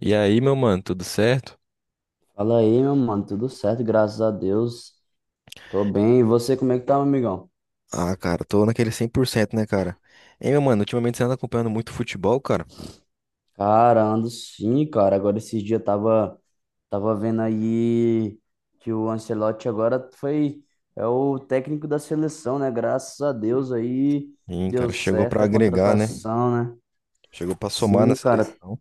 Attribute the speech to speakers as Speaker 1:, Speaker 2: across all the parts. Speaker 1: E aí, meu mano, tudo certo?
Speaker 2: Fala aí, meu mano, tudo certo, graças a Deus. Tô bem. E você, como é que tá, meu amigão?
Speaker 1: Ah, cara, tô naquele cem por cento, né, cara? Hein, meu mano, ultimamente você anda acompanhando muito futebol, cara?
Speaker 2: Cara, ando sim, cara. Agora esses dias eu tava vendo aí que o Ancelotti agora foi é o técnico da seleção, né? Graças a Deus aí
Speaker 1: Sim,
Speaker 2: deu
Speaker 1: cara, chegou
Speaker 2: certo
Speaker 1: pra
Speaker 2: a
Speaker 1: agregar, né?
Speaker 2: contratação, né?
Speaker 1: Chegou pra somar
Speaker 2: Sim,
Speaker 1: na
Speaker 2: cara,
Speaker 1: seleção.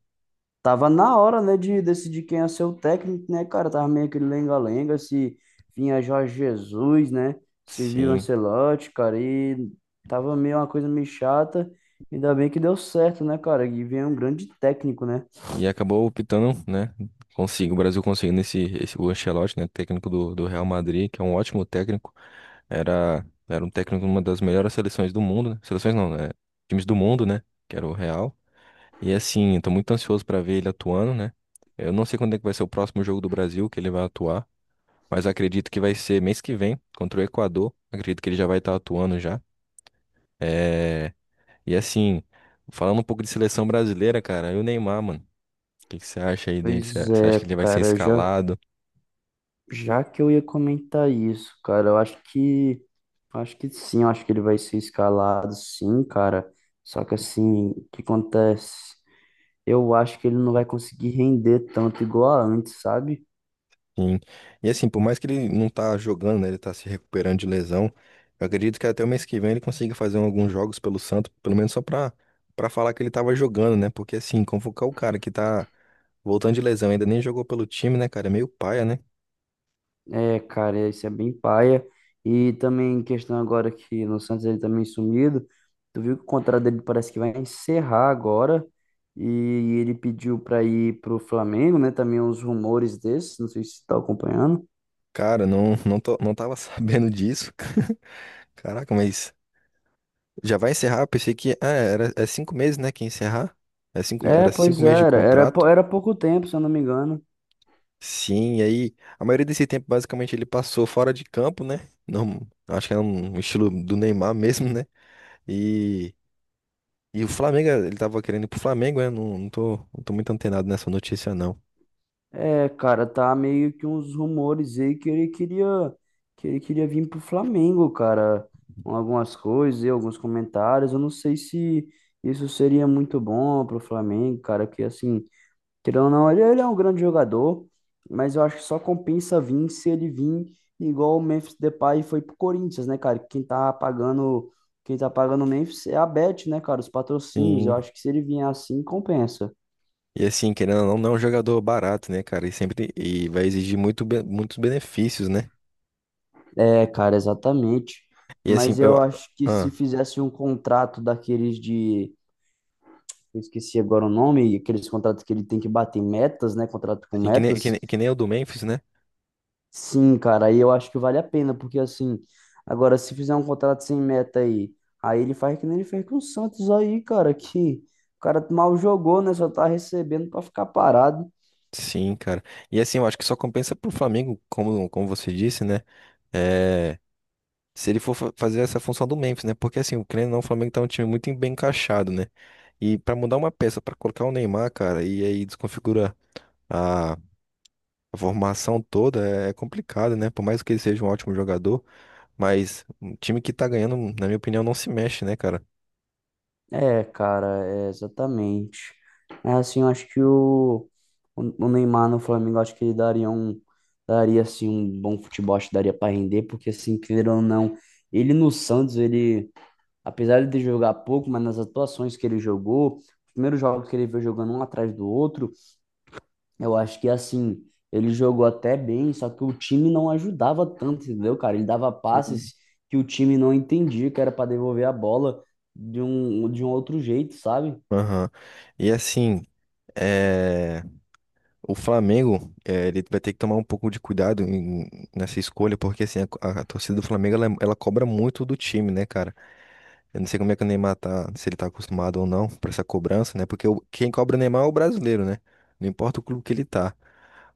Speaker 2: tava na hora, né, de decidir quem ia ser o técnico, né, cara? Tava meio aquele lenga-lenga, se vinha Jorge Jesus, né? Se viu
Speaker 1: Sim.
Speaker 2: Ancelotti, cara, e tava meio uma coisa meio chata. Ainda bem que deu certo, né, cara? E vem um grande técnico, né?
Speaker 1: E acabou optando, né? Consigo, o Brasil conseguindo esse o Ancelotti, né? Técnico do Real Madrid, que é um ótimo técnico. Era um técnico de uma das melhores seleções do mundo, né? Seleções não, né? Times do mundo, né? Que era o Real. E assim, eu tô muito ansioso pra ver ele atuando, né? Eu não sei quando é que vai ser o próximo jogo do Brasil que ele vai atuar, mas acredito que vai ser mês que vem contra o Equador. Acredito que ele já vai estar atuando já. É. E assim, falando um pouco de seleção brasileira, cara, e o Neymar, mano. O que que você acha aí dele? Você
Speaker 2: Pois
Speaker 1: você acha que
Speaker 2: é,
Speaker 1: ele vai ser
Speaker 2: cara, já,
Speaker 1: escalado?
Speaker 2: já que eu ia comentar isso, cara, acho que sim, eu acho que ele vai ser escalado, sim, cara. Só que assim, o que acontece? Eu acho que ele não vai conseguir render tanto igual a antes, sabe?
Speaker 1: Sim. E assim, por mais que ele não tá jogando, né, ele tá se recuperando de lesão, eu acredito que até o mês que vem ele consiga fazer alguns jogos pelo Santos, pelo menos só pra falar que ele tava jogando, né? Porque assim, convocar o cara que tá voltando de lesão, ainda nem jogou pelo time, né, cara? É meio paia, né?
Speaker 2: É, cara, isso é bem paia. E também questão agora que no Santos ele também sumido. Tu viu que o contrato dele parece que vai encerrar agora. E ele pediu pra ir pro Flamengo, né? Também uns rumores desses, não sei se você tá acompanhando.
Speaker 1: Cara, não, tava sabendo disso. Caraca, mas já vai encerrar? Eu pensei que é cinco meses, né, que ia encerrar.
Speaker 2: É,
Speaker 1: Era cinco
Speaker 2: pois é,
Speaker 1: meses de
Speaker 2: era. Era,
Speaker 1: contrato.
Speaker 2: era pouco tempo, se eu não me engano.
Speaker 1: Sim, e aí a maioria desse tempo basicamente ele passou fora de campo, né? Não, acho que é um estilo do Neymar mesmo, né? E, e o Flamengo, ele tava querendo ir pro Flamengo, né? Não, tô muito antenado nessa notícia, não.
Speaker 2: É, cara, tá meio que uns rumores aí que ele queria vir pro Flamengo, cara. Com algumas coisas e alguns comentários. Eu não sei se isso seria muito bom pro Flamengo, cara, que assim, querendo ou não, ele é um grande jogador, mas eu acho que só compensa vir se ele vir igual o Memphis Depay foi pro Corinthians, né, cara? Quem tá pagando o Memphis é a Bet, né, cara? Os patrocínios. Eu
Speaker 1: Sim.
Speaker 2: acho que se ele vier assim, compensa.
Speaker 1: E assim, querendo ou não, não é um jogador barato, né, cara? E vai exigir muitos benefícios, né?
Speaker 2: É, cara, exatamente.
Speaker 1: E assim,
Speaker 2: Mas
Speaker 1: eu.
Speaker 2: eu acho que se
Speaker 1: Ah,
Speaker 2: fizesse um contrato daqueles de. Eu esqueci agora o nome, aqueles contratos que ele tem que bater metas, né? Contrato com
Speaker 1: assim,
Speaker 2: metas.
Speaker 1: que nem o do Memphis, né?
Speaker 2: Sim, cara, aí eu acho que vale a pena, porque assim. Agora, se fizer um contrato sem meta aí, aí ele faz que nem ele fez com o Santos aí, cara, que o cara mal jogou, né? Só tá recebendo pra ficar parado.
Speaker 1: Sim, cara. E assim, eu acho que só compensa pro Flamengo, como você disse, né? É, se ele fazer essa função do Memphis, né? Porque assim, o querendo ou não, o Flamengo tá um time muito bem encaixado, né? E pra mudar uma peça, pra colocar o Neymar, cara, e aí desconfigura a, a formação toda, é complicado, né? Por mais que ele seja um ótimo jogador, mas um time que tá ganhando, na minha opinião, não se mexe, né, cara?
Speaker 2: É, cara, é exatamente. É, assim, eu acho que o Neymar no Flamengo, eu acho que ele daria assim um bom futebol, acho que daria para render, porque assim, querendo ou não, ele no Santos, ele, apesar de ele jogar pouco, mas nas atuações que ele jogou, os primeiros jogos que ele veio jogando um atrás do outro, eu acho que assim, ele jogou até bem, só que o time não ajudava tanto, entendeu, cara? Ele dava
Speaker 1: Sim.
Speaker 2: passes que o time não entendia que era para devolver a bola de um outro jeito, sabe?
Speaker 1: Aham. E assim, é, o Flamengo, é, ele vai ter que tomar um pouco de cuidado nessa escolha, porque assim, a torcida do Flamengo, ela, é, ela cobra muito do time, né, cara? Eu não sei como é que o Neymar tá, se ele tá acostumado ou não pra essa cobrança, né? Porque quem cobra o Neymar é o brasileiro, né? Não importa o clube que ele tá.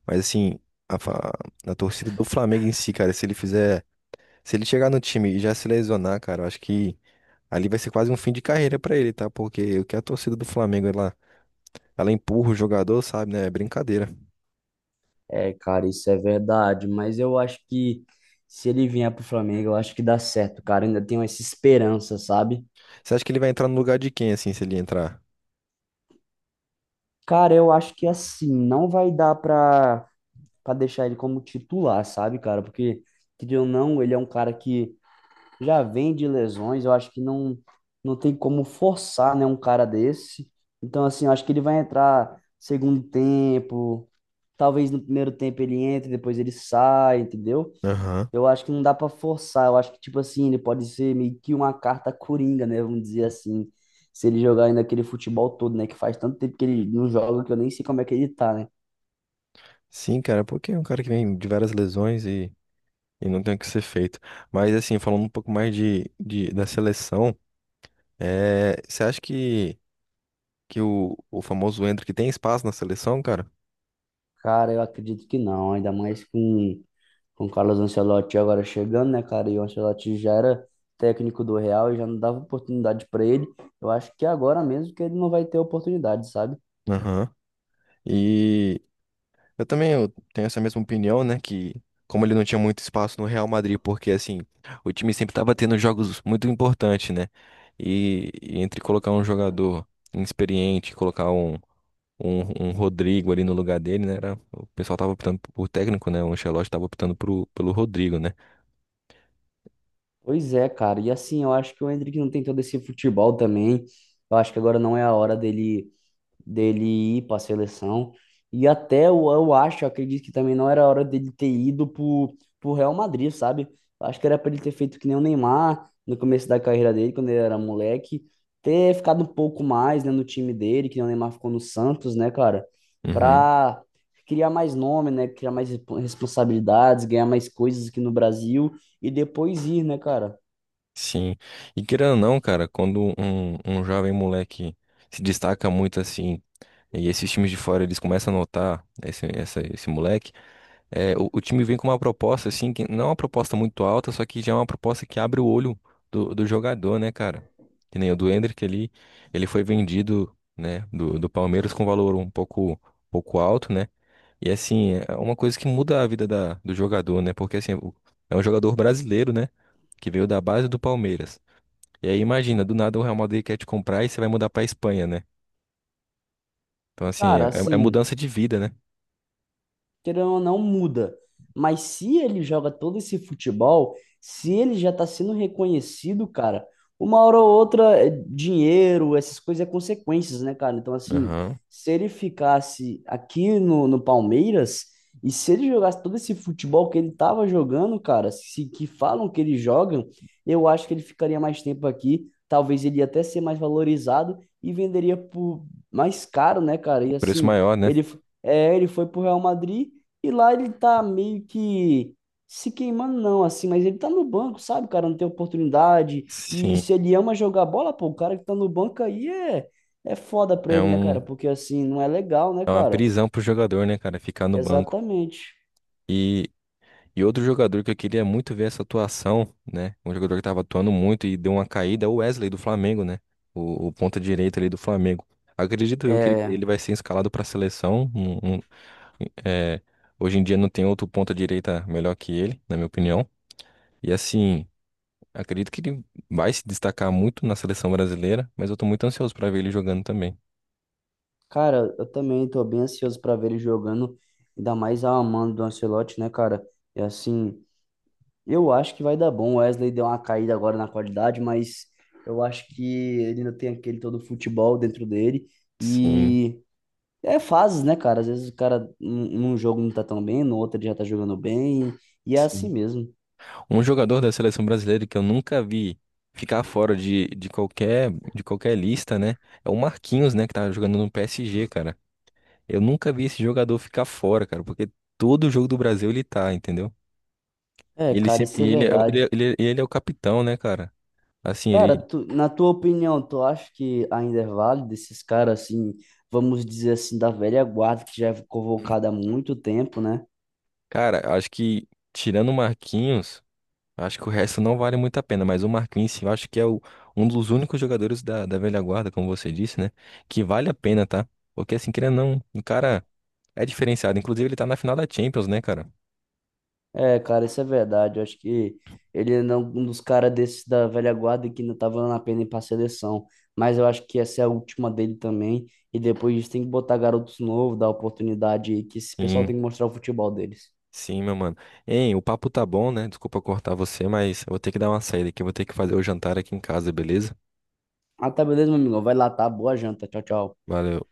Speaker 1: Mas assim, a, fa- a torcida do Flamengo em si, cara, se ele fizer. Se ele chegar no time e já se lesionar, cara, eu acho que ali vai ser quase um fim de carreira pra ele, tá? Porque o que a torcida do Flamengo, ela empurra o jogador, sabe, né? É brincadeira.
Speaker 2: É, cara, isso é verdade, mas eu acho que se ele vier pro Flamengo, eu acho que dá certo, cara. Eu ainda tenho essa esperança, sabe?
Speaker 1: Você acha que ele vai entrar no lugar de quem, assim, se ele entrar?
Speaker 2: Cara, eu acho que assim, não vai dar pra deixar ele como titular, sabe, cara? Porque, querendo ou não, ele é um cara que já vem de lesões, eu acho que não tem como forçar, né, um cara desse. Então, assim, eu acho que ele vai entrar segundo tempo, talvez no primeiro tempo ele entre, depois ele sai, entendeu?
Speaker 1: Aham.
Speaker 2: Eu acho que não dá para forçar, eu acho que, tipo assim, ele pode ser meio que uma carta coringa, né, vamos dizer assim, se ele jogar ainda aquele futebol todo, né, que faz tanto tempo que ele não joga que eu nem sei como é que ele tá, né?
Speaker 1: Sim, cara, porque é um cara que vem de várias lesões e não tem o que ser feito. Mas, assim, falando um pouco mais da seleção, é, você acha que o famoso Endrick tem espaço na seleção, cara?
Speaker 2: Cara, eu acredito que não, ainda mais com o Carlos Ancelotti agora chegando, né, cara? E o Ancelotti já era técnico do Real e já não dava oportunidade para ele. Eu acho que agora mesmo que ele não vai ter oportunidade, sabe?
Speaker 1: Aham. E, eu também eu tenho essa mesma opinião, né? Que como ele não tinha muito espaço no Real Madrid, porque assim, o time sempre estava tendo jogos muito importantes, né? E entre colocar um jogador inexperiente, colocar um Rodrigo ali no lugar dele, né? Era, o pessoal tava optando por técnico, né? O Ancelotti tava optando pelo Rodrigo, né?
Speaker 2: Pois é, cara. E assim, eu acho que o Endrick não tem todo esse futebol também. Eu acho que agora não é a hora dele ir para a seleção. E até eu acredito que também não era hora dele ter ido pro Real Madrid, sabe? Acho que era para ele ter feito que nem o Neymar no começo da carreira dele, quando ele era moleque, ter ficado um pouco mais, né, no time dele, que nem o Neymar ficou no Santos, né, cara?
Speaker 1: Uhum.
Speaker 2: Pra criar mais nome, né, criar mais responsabilidades, ganhar mais coisas aqui no Brasil e depois ir, né, cara?
Speaker 1: Sim. E querendo ou não, cara, quando um jovem moleque se destaca muito assim. E esses times de fora, eles começam a notar esse moleque. É, o time vem com uma proposta, assim, que não é uma proposta muito alta, só que já é uma proposta que abre o olho do jogador, né, cara? Que nem o do Endrick ali, ele foi vendido, né, do Palmeiras com valor pouco alto, né? E assim, é uma coisa que muda a vida do jogador, né? Porque assim, é um jogador brasileiro, né? Que veio da base do Palmeiras. E aí imagina, do nada o Real Madrid quer te comprar e você vai mudar pra Espanha, né? Então assim,
Speaker 2: Cara,
Speaker 1: é
Speaker 2: assim,
Speaker 1: mudança de vida, né?
Speaker 2: querendo ou não, muda. Mas se ele joga todo esse futebol, se ele já tá sendo reconhecido, cara, uma hora ou outra, é dinheiro, essas coisas é consequências, né, cara? Então, assim,
Speaker 1: Aham.
Speaker 2: se ele ficasse aqui no Palmeiras, e se ele jogasse todo esse futebol que ele tava jogando, cara, se que falam que ele joga, eu acho que ele ficaria mais tempo aqui. Talvez ele ia até ser mais valorizado e venderia por mais caro, né, cara?
Speaker 1: O
Speaker 2: E
Speaker 1: preço
Speaker 2: assim,
Speaker 1: maior, né?
Speaker 2: ele foi pro Real Madrid e lá ele tá meio que se queimando, não, assim, mas ele tá no banco, sabe? O cara não tem oportunidade. E
Speaker 1: Sim,
Speaker 2: se ele ama jogar bola, pô, o cara que tá no banco aí é foda pra
Speaker 1: é
Speaker 2: ele, né, cara?
Speaker 1: um.
Speaker 2: Porque assim, não é legal, né,
Speaker 1: É uma
Speaker 2: cara?
Speaker 1: prisão pro jogador, né, cara? Ficar no banco.
Speaker 2: Exatamente.
Speaker 1: E, e outro jogador que eu queria muito ver essa atuação, né? Um jogador que tava atuando muito e deu uma caída é o Wesley do Flamengo, né? O ponta direita ali do Flamengo. Acredito eu que
Speaker 2: É,
Speaker 1: ele vai ser escalado pra seleção. É, Hoje em dia não tem outro ponta direita melhor que ele, na minha opinião. E assim, acredito que ele vai se destacar muito na seleção brasileira, mas eu tô muito ansioso pra ver ele jogando também.
Speaker 2: cara, eu também tô bem ansioso pra ver ele jogando, ainda mais a mano do Ancelotti, né, cara? E assim, eu acho que vai dar bom. O Wesley deu uma caída agora na qualidade, mas eu acho que ele ainda tem aquele todo futebol dentro dele.
Speaker 1: Sim.
Speaker 2: E é fases, né, cara? Às vezes o cara num jogo não tá tão bem, no outro ele já tá jogando bem, e é assim
Speaker 1: Sim.
Speaker 2: mesmo.
Speaker 1: Um jogador da seleção brasileira que eu nunca vi ficar fora de qualquer lista, né? É o Marquinhos, né, que tá jogando no PSG, cara. Eu nunca vi esse jogador ficar fora, cara, porque todo jogo do Brasil ele tá, entendeu?
Speaker 2: É,
Speaker 1: E ele
Speaker 2: cara,
Speaker 1: sempre
Speaker 2: isso é
Speaker 1: e ele é, o- ele,
Speaker 2: verdade.
Speaker 1: é- ele, é ele é o capitão, né, cara? Assim,
Speaker 2: Cara,
Speaker 1: ele,
Speaker 2: na tua opinião, tu acha que ainda é válido esses caras assim, vamos dizer assim, da velha guarda que já é convocada há muito tempo, né?
Speaker 1: cara, acho que tirando o Marquinhos, acho que o resto não vale muito a pena, mas o Marquinhos, sim, eu acho que é um dos únicos jogadores da velha guarda, como você disse, né, que vale a pena, tá? Porque assim, querendo ou não, o cara é diferenciado. Inclusive, ele tá na final da Champions, né, cara?
Speaker 2: É, cara, isso é verdade. Eu acho que ele é um dos caras desses da velha guarda que ainda tá valendo a pena ir pra seleção. Mas eu acho que essa é a última dele também. E depois disso tem que botar garotos novos, dar oportunidade, que esse pessoal
Speaker 1: Sim,
Speaker 2: tem que mostrar o futebol deles.
Speaker 1: sim, meu mano. Hein, o papo tá bom, né? Desculpa cortar você, mas eu vou ter que dar uma saída aqui. Eu Vou ter que fazer o jantar aqui em casa, beleza?
Speaker 2: Ah, tá, beleza, meu amigo. Vai lá, tá? Boa janta. Tchau, tchau.
Speaker 1: Valeu.